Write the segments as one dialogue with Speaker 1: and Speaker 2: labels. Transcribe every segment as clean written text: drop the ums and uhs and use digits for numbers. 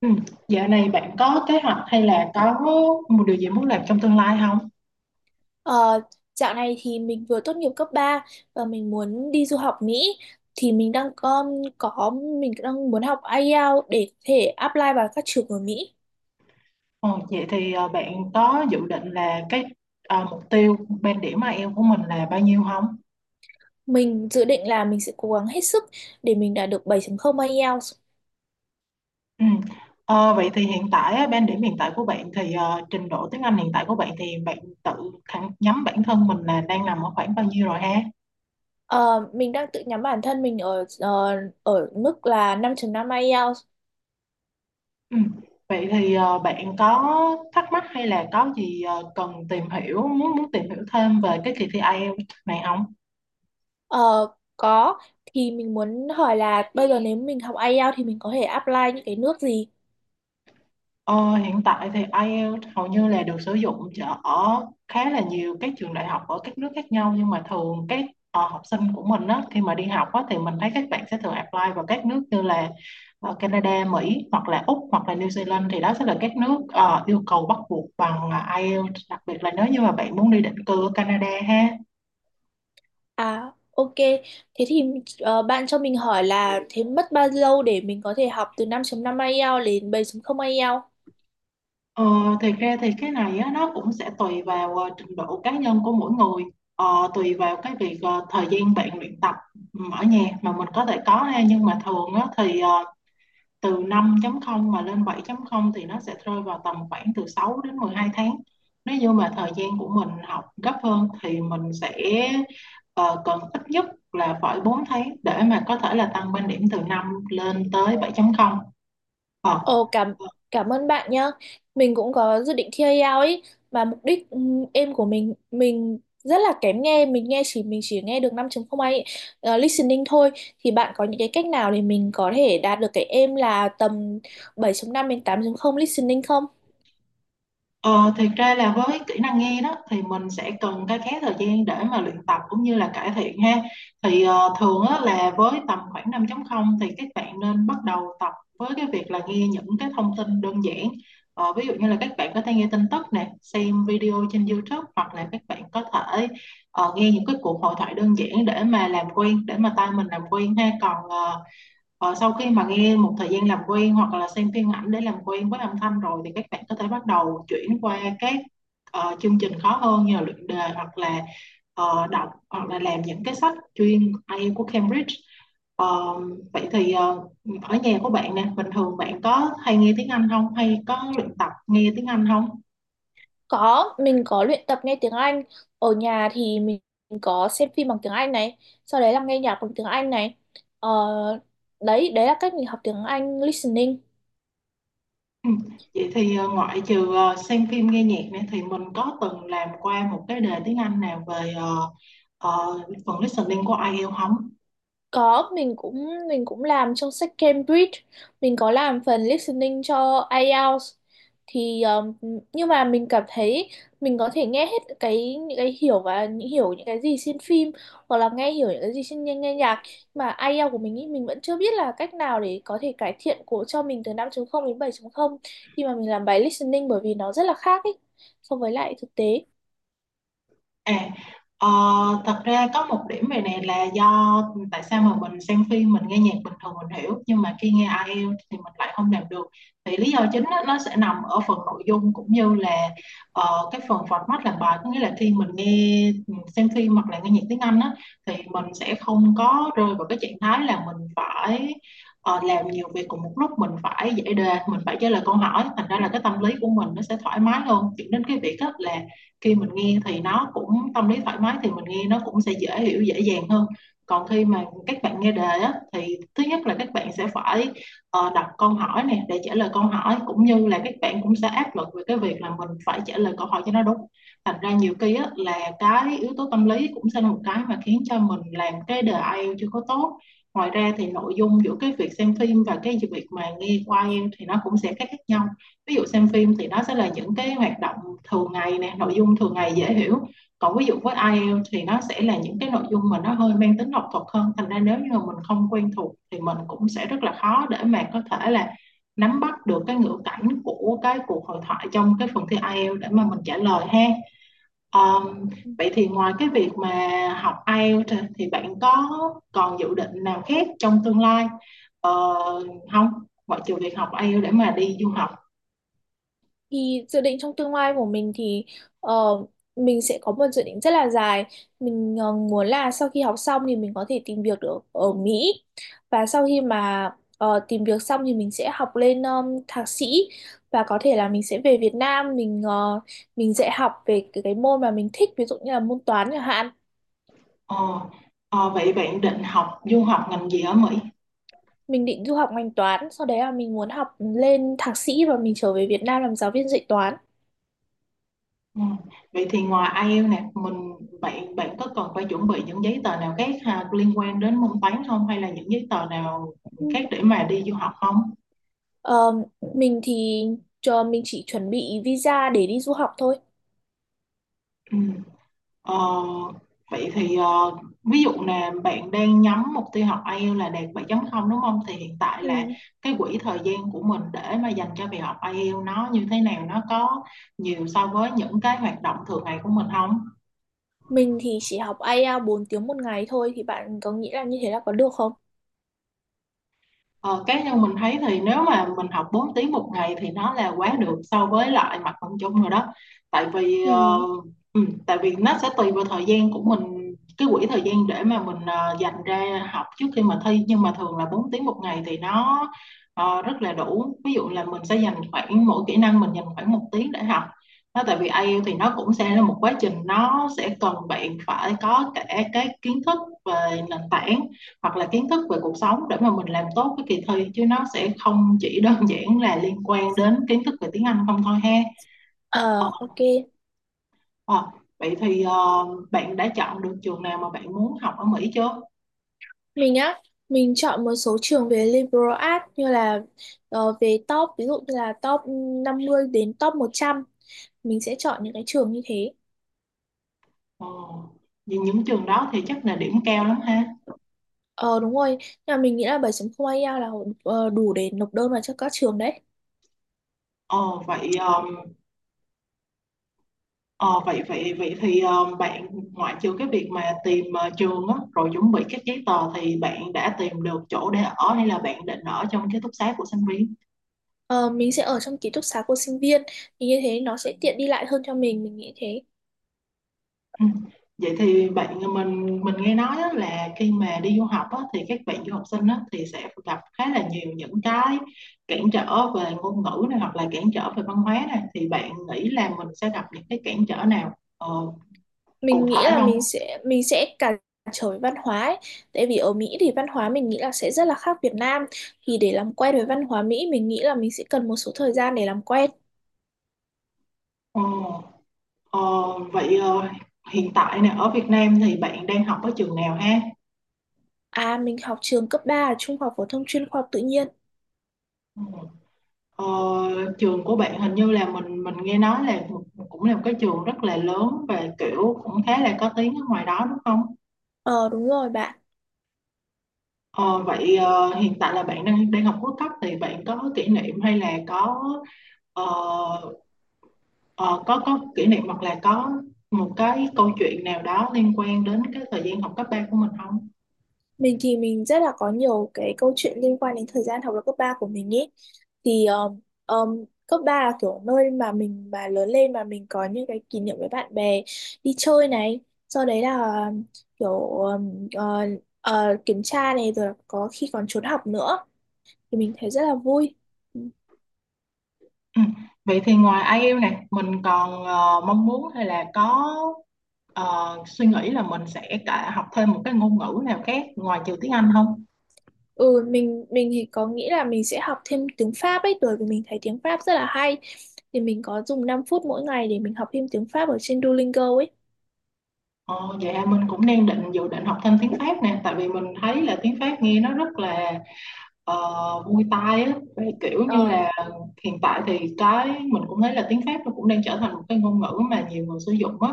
Speaker 1: Ừ. Dạo này bạn có kế hoạch hay là có một điều gì muốn làm trong tương lai không?
Speaker 2: Ờ, Dạo này thì mình vừa tốt nghiệp cấp 3 và mình muốn đi du học Mỹ, thì có mình đang muốn học IELTS để có thể apply vào các trường ở Mỹ.
Speaker 1: Ờ, Vậy thì bạn có dự định là cái mục tiêu band điểm IELTS của mình là bao nhiêu không?
Speaker 2: Mình dự định là mình sẽ cố gắng hết sức để mình đạt được 7.0 IELTS.
Speaker 1: Ừ. Vậy thì hiện tại á, band điểm hiện tại của bạn thì trình độ tiếng Anh hiện tại của bạn thì bạn tự thẳng nhắm bản thân mình là đang nằm ở khoảng bao nhiêu rồi, ha?
Speaker 2: Ờ, mình đang tự nhắm bản thân mình ở mức là 5.5 IELTS.
Speaker 1: Ừ. Vậy thì bạn có thắc mắc hay là có gì cần tìm hiểu muốn muốn tìm hiểu thêm về cái kỳ thi IELTS này không?
Speaker 2: Ờ, có, thì mình muốn hỏi là bây giờ nếu mình học IELTS thì mình có thể apply những cái nước gì?
Speaker 1: Ờ, Hiện tại thì IELTS hầu như là được sử dụng ở khá là nhiều các trường đại học ở các nước khác nhau, nhưng mà thường các học sinh của mình á, khi mà đi học á, thì mình thấy các bạn sẽ thường apply vào các nước như là Canada, Mỹ hoặc là Úc hoặc là New Zealand. Thì đó sẽ là các nước yêu cầu bắt buộc bằng IELTS, đặc biệt là nếu như mà bạn muốn đi định cư ở Canada, ha.
Speaker 2: À, ok. Thế thì bạn cho mình hỏi là thế mất bao lâu để mình có thể học từ 5.5 IELTS đến 7.0 IELTS?
Speaker 1: Ờ, thì ra thì cái này á, nó cũng sẽ tùy vào trình độ cá nhân của mỗi người, tùy vào cái việc thời gian bạn luyện tập ở nhà mà mình có thể có, ha. Nhưng mà thường á, thì từ 5 không mà lên 7 không thì nó sẽ rơi vào tầm khoảng từ 6 đến 12 tháng. Nếu như mà thời gian của mình học gấp hơn thì mình sẽ ờ, cần ít nhất là phải 4 tháng để mà có thể là tăng bên điểm từ 5 lên tới 7 không ờ
Speaker 2: Ồ, cảm cảm ơn bạn nhá. Mình cũng có dự định thi IELTS ấy, mà mục đích em của mình rất là kém nghe, mình chỉ nghe được 5.0 IELTS listening thôi, thì bạn có những cái cách nào để mình có thể đạt được cái aim là tầm bảy chấm năm đến tám chấm không listening không?
Speaker 1: Ờ, Thiệt ra là với kỹ năng nghe đó thì mình sẽ cần cái khá thời gian để mà luyện tập cũng như là cải thiện, ha. Thì thường á, là với tầm khoảng 5.0 thì các bạn nên bắt đầu tập với cái việc là nghe những cái thông tin đơn giản. Ví dụ như là các bạn có thể nghe tin tức nè, xem video trên YouTube, hoặc là các bạn có thể nghe những cái cuộc hội thoại đơn giản để mà làm quen, để mà tai mình làm quen, ha. Sau khi mà nghe một thời gian làm quen hoặc là xem phim ảnh để làm quen với âm thanh rồi thì các bạn có thể bắt đầu chuyển qua các chương trình khó hơn như là luyện đề hoặc là đọc hoặc là làm những cái sách chuyên IELTS của Cambridge. Ờ, Vậy thì ở nhà của bạn nè, bình thường bạn có hay nghe tiếng Anh không? Hay có luyện tập nghe tiếng Anh không?
Speaker 2: Có, mình có luyện tập nghe tiếng Anh. Ở nhà thì mình có xem phim bằng tiếng Anh này, sau đấy là nghe nhạc bằng tiếng Anh này. Ờ, Đấy, đấy là cách mình học tiếng Anh listening.
Speaker 1: Ừ. Vậy thì ngoại trừ xem phim nghe nhạc nè thì mình có từng làm qua một cái đề tiếng Anh nào về phần listening của IELTS không?
Speaker 2: Có, mình cũng làm trong sách Cambridge, mình có làm phần listening cho IELTS, thì nhưng mà mình cảm thấy mình có thể nghe hết cái những cái hiểu và những hiểu những cái gì trên phim hoặc là nghe hiểu những cái gì trên nghe nhạc, mà IELTS của mình ý, mình vẫn chưa biết là cách nào để có thể cải thiện của cho mình từ năm chấm không đến bảy chấm không khi mà mình làm bài listening, bởi vì nó rất là khác ý so với lại thực tế.
Speaker 1: À, ờ, thật ra có một điểm về này là do tại sao mà mình xem phim, mình nghe nhạc bình thường mình hiểu, nhưng mà khi nghe IELTS thì mình lại không làm được. Thì lý do chính á, nó sẽ nằm ở phần nội dung cũng như là cái phần format làm bài. Có nghĩa là khi mình nghe xem phim hoặc là nghe nhạc tiếng Anh á, thì mình sẽ không có rơi vào cái trạng thái là mình phải làm nhiều việc cùng một lúc, mình phải giải đề, mình phải trả lời câu hỏi. Thành ra là cái tâm lý của mình nó sẽ thoải mái hơn, dẫn đến cái việc á, là khi mình nghe thì nó cũng tâm lý thoải mái thì mình nghe nó cũng sẽ dễ hiểu, dễ dàng hơn. Còn khi mà các bạn nghe đề á, thì thứ nhất là các bạn sẽ phải đọc câu hỏi nè để trả lời câu hỏi, cũng như là các bạn cũng sẽ áp lực về cái việc là mình phải trả lời câu hỏi cho nó đúng. Thành ra nhiều khi á, là cái yếu tố tâm lý cũng sẽ là một cái mà khiến cho mình làm cái đề IELTS chưa có tốt. Ngoài ra thì nội dung giữa cái việc xem phim và cái việc mà nghe qua IELTS thì nó cũng sẽ khác khác nhau. Ví dụ xem phim thì nó sẽ là những cái hoạt động thường ngày nè, nội dung thường ngày dễ hiểu. Còn ví dụ với IELTS thì nó sẽ là những cái nội dung mà nó hơi mang tính học thuật hơn. Thành ra nếu như mà mình không quen thuộc thì mình cũng sẽ rất là khó để mà có thể là nắm bắt được cái ngữ cảnh của cái cuộc hội thoại trong cái phần thi IELTS để mà mình trả lời, ha. um, Vậy thì ngoài cái việc mà học IELTS thì bạn có còn dự định nào khác trong tương lai không, ngoại trừ việc học IELTS để mà đi du học?
Speaker 2: Thì dự định trong tương lai của mình thì ờ, mình sẽ có một dự định rất là dài. Mình muốn là sau khi học xong thì mình có thể tìm việc được ở Mỹ. Và sau khi mà tìm việc xong thì mình sẽ học lên thạc sĩ, và có thể là mình sẽ về Việt Nam, mình dạy học về cái môn mà mình thích, ví dụ như là môn toán chẳng hạn.
Speaker 1: Ờ, Vậy bạn định học du học ngành gì ở Mỹ?
Speaker 2: Mình định du học ngành toán, sau đấy là mình muốn học lên thạc sĩ và mình trở về Việt Nam làm giáo viên dạy toán.
Speaker 1: Ừ. Vậy thì ngoài IELTS nè, mình bạn bạn có cần phải chuẩn bị những giấy tờ nào khác ha, liên quan đến môn toán không, hay là những giấy tờ nào khác để mà đi du học không?
Speaker 2: Ờ, mình thì cho mình chỉ chuẩn bị visa để đi du học thôi.
Speaker 1: Ừ. Ờ, Vậy thì ví dụ là bạn đang nhắm mục tiêu học IELTS là đạt 7.0, đúng không? Thì hiện tại
Speaker 2: Ừ.
Speaker 1: là cái quỹ thời gian của mình để mà dành cho việc học IELTS nó như thế nào? Nó có nhiều so với những cái hoạt động thường ngày của mình không?
Speaker 2: Mình thì chỉ học IELTS 4 tiếng một ngày thôi, thì bạn có nghĩ là như thế là có được không?
Speaker 1: Ờ, Cá nhân mình thấy thì nếu mà mình học 4 tiếng một ngày thì nó là quá được so với lại mặt bằng chung rồi đó. Tại vì
Speaker 2: Ừ.
Speaker 1: tại vì nó sẽ tùy vào thời gian của mình, cái quỹ thời gian để mà mình dành ra học trước khi mà thi. Nhưng mà thường là 4 tiếng một ngày thì nó rất là đủ. Ví dụ là mình sẽ dành khoảng mỗi kỹ năng mình dành khoảng 1 tiếng để học nó. Tại vì IELTS thì nó cũng sẽ là một quá trình, nó sẽ cần bạn phải có cả cái kiến thức về nền tảng hoặc là kiến thức về cuộc sống để mà mình làm tốt cái kỳ thi, chứ nó sẽ không chỉ đơn giản là liên quan đến kiến thức về tiếng Anh không thôi, ha. ờ,
Speaker 2: Ờ, ok.
Speaker 1: ờ, Vậy thì bạn đã chọn được trường nào mà bạn muốn học ở Mỹ chưa?
Speaker 2: Mình á, mình chọn một số trường về liberal arts, như là về top, ví dụ như là top 50 đến top 100. Mình sẽ chọn những cái trường như thế.
Speaker 1: ờ, Vì những trường đó thì chắc là điểm cao lắm, ha.
Speaker 2: Ờ, đúng rồi, nhưng mà mình nghĩ là 7.0 IELTS là đủ để nộp đơn vào cho các trường đấy.
Speaker 1: Ờ, vậy ờ, ờ, vậy vậy vậy thì bạn, ngoại trừ cái việc mà tìm trường á, rồi chuẩn bị các giấy tờ, thì bạn đã tìm được chỗ để ở hay là bạn định ở trong ký túc xá của sinh viên?
Speaker 2: Ờ, mình sẽ ở trong ký túc xá của sinh viên, thì như thế nó sẽ tiện đi lại hơn cho mình nghĩ thế.
Speaker 1: Ừ. Vậy thì bạn, mình nghe nói á, là khi mà đi du học á, thì các bạn du học sinh á, thì sẽ gặp khá là nhiều những cái cản trở về ngôn ngữ này hoặc là cản trở về văn hóa này, thì bạn nghĩ là mình sẽ gặp những cái cản trở nào cụ
Speaker 2: Mình nghĩ
Speaker 1: thể
Speaker 2: là mình
Speaker 1: không?
Speaker 2: sẽ mình sẽ cản trở với văn hóa ấy. Tại vì ở Mỹ thì văn hóa mình nghĩ là sẽ rất là khác Việt Nam, thì để làm quen với văn hóa Mỹ mình nghĩ là mình sẽ cần một số thời gian để làm quen.
Speaker 1: Ờ, ờ, vậy hiện tại nè ở Việt Nam thì bạn đang học ở trường nào, ha?
Speaker 2: À, mình học trường cấp 3 ở Trung học phổ thông chuyên Khoa học Tự nhiên.
Speaker 1: Ừ. Ờ, Trường của bạn hình như là mình nghe nói là cũng là một cái trường rất là lớn và kiểu cũng khá là có tiếng ở ngoài đó, đúng không?
Speaker 2: Ờ, đúng rồi bạn.
Speaker 1: Ờ, Vậy hiện tại là bạn đang đang học cuối cấp, thì bạn có kỷ niệm hay là có ờ, có kỷ niệm hoặc là có một cái câu chuyện nào đó liên quan đến cái thời gian học cấp 3 của mình không?
Speaker 2: Mình thì mình rất là có nhiều cái câu chuyện liên quan đến thời gian học lớp cấp 3 của mình ý. Thì cấp 3 là kiểu nơi mà mình mà lớn lên, mà mình có những cái kỷ niệm với bạn bè, đi chơi này, sau đấy là um, kiểu um, ờ, kiểm tra này, rồi có khi còn trốn học nữa, thì mình thấy rất là vui.
Speaker 1: Ừ. Vậy thì ngoài ai IELTS này mình còn mong muốn hay là có suy nghĩ là mình sẽ cả học thêm một cái ngôn ngữ nào khác ngoài trừ tiếng Anh không?
Speaker 2: Ừ, mình thì có nghĩ là mình sẽ học thêm tiếng Pháp ấy, bởi vì mình thấy tiếng Pháp rất là hay. Thì mình có dùng 5 phút mỗi ngày để mình học thêm tiếng Pháp ở trên Duolingo ấy.
Speaker 1: Ờ, dạ, mình cũng đang định dự định học thêm tiếng Pháp nè, tại vì mình thấy là tiếng Pháp nghe nó rất là Muay Thai á. Vậy kiểu như
Speaker 2: Ờ.
Speaker 1: là hiện tại thì cái mình cũng thấy là tiếng Pháp nó cũng đang trở thành một cái ngôn ngữ mà nhiều người sử dụng á.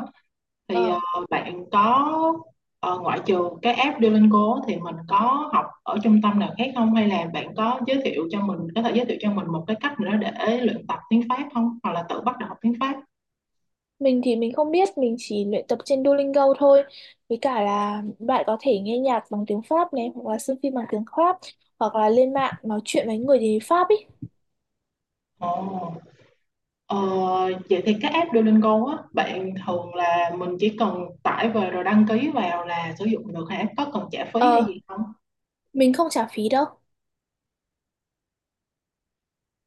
Speaker 1: Thì
Speaker 2: Ờ,
Speaker 1: bạn có ngoại trừ cái app Duolingo á, thì mình có học ở trung tâm nào khác không, hay là bạn có thể giới thiệu cho mình một cái cách nữa để luyện tập tiếng Pháp không, hoặc là tự bắt đầu học tiếng Pháp?
Speaker 2: Mình thì mình không biết, mình chỉ luyện tập trên Duolingo thôi. Với cả là bạn có thể nghe nhạc bằng tiếng Pháp này, hoặc là xem phim bằng tiếng Pháp, hoặc là lên mạng nói chuyện với người tiếng Pháp ý.
Speaker 1: Ồ, ờ, vậy thì cái app Duolingo á, bạn thường là mình chỉ cần tải về rồi đăng ký vào là sử dụng được hả? Có cần trả phí hay
Speaker 2: Ờ,
Speaker 1: gì không?
Speaker 2: mình không trả phí đâu.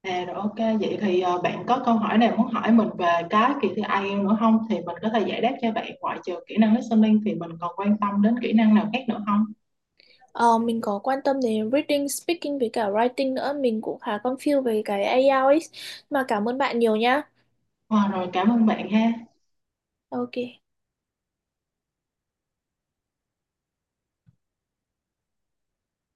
Speaker 1: À, rồi OK, vậy thì bạn có câu hỏi nào muốn hỏi mình về cái kỳ thi IELTS nữa không? Thì mình có thể giải đáp cho bạn. Ngoại trừ kỹ năng listening thì mình còn quan tâm đến kỹ năng nào khác nữa không?
Speaker 2: Ờ, mình có quan tâm đến reading, speaking với cả writing nữa. Mình cũng khá confused về cái IELTS ấy. Mà cảm ơn bạn nhiều nhá.
Speaker 1: Ờ, Rồi, cảm ơn bạn, ha.
Speaker 2: Ok.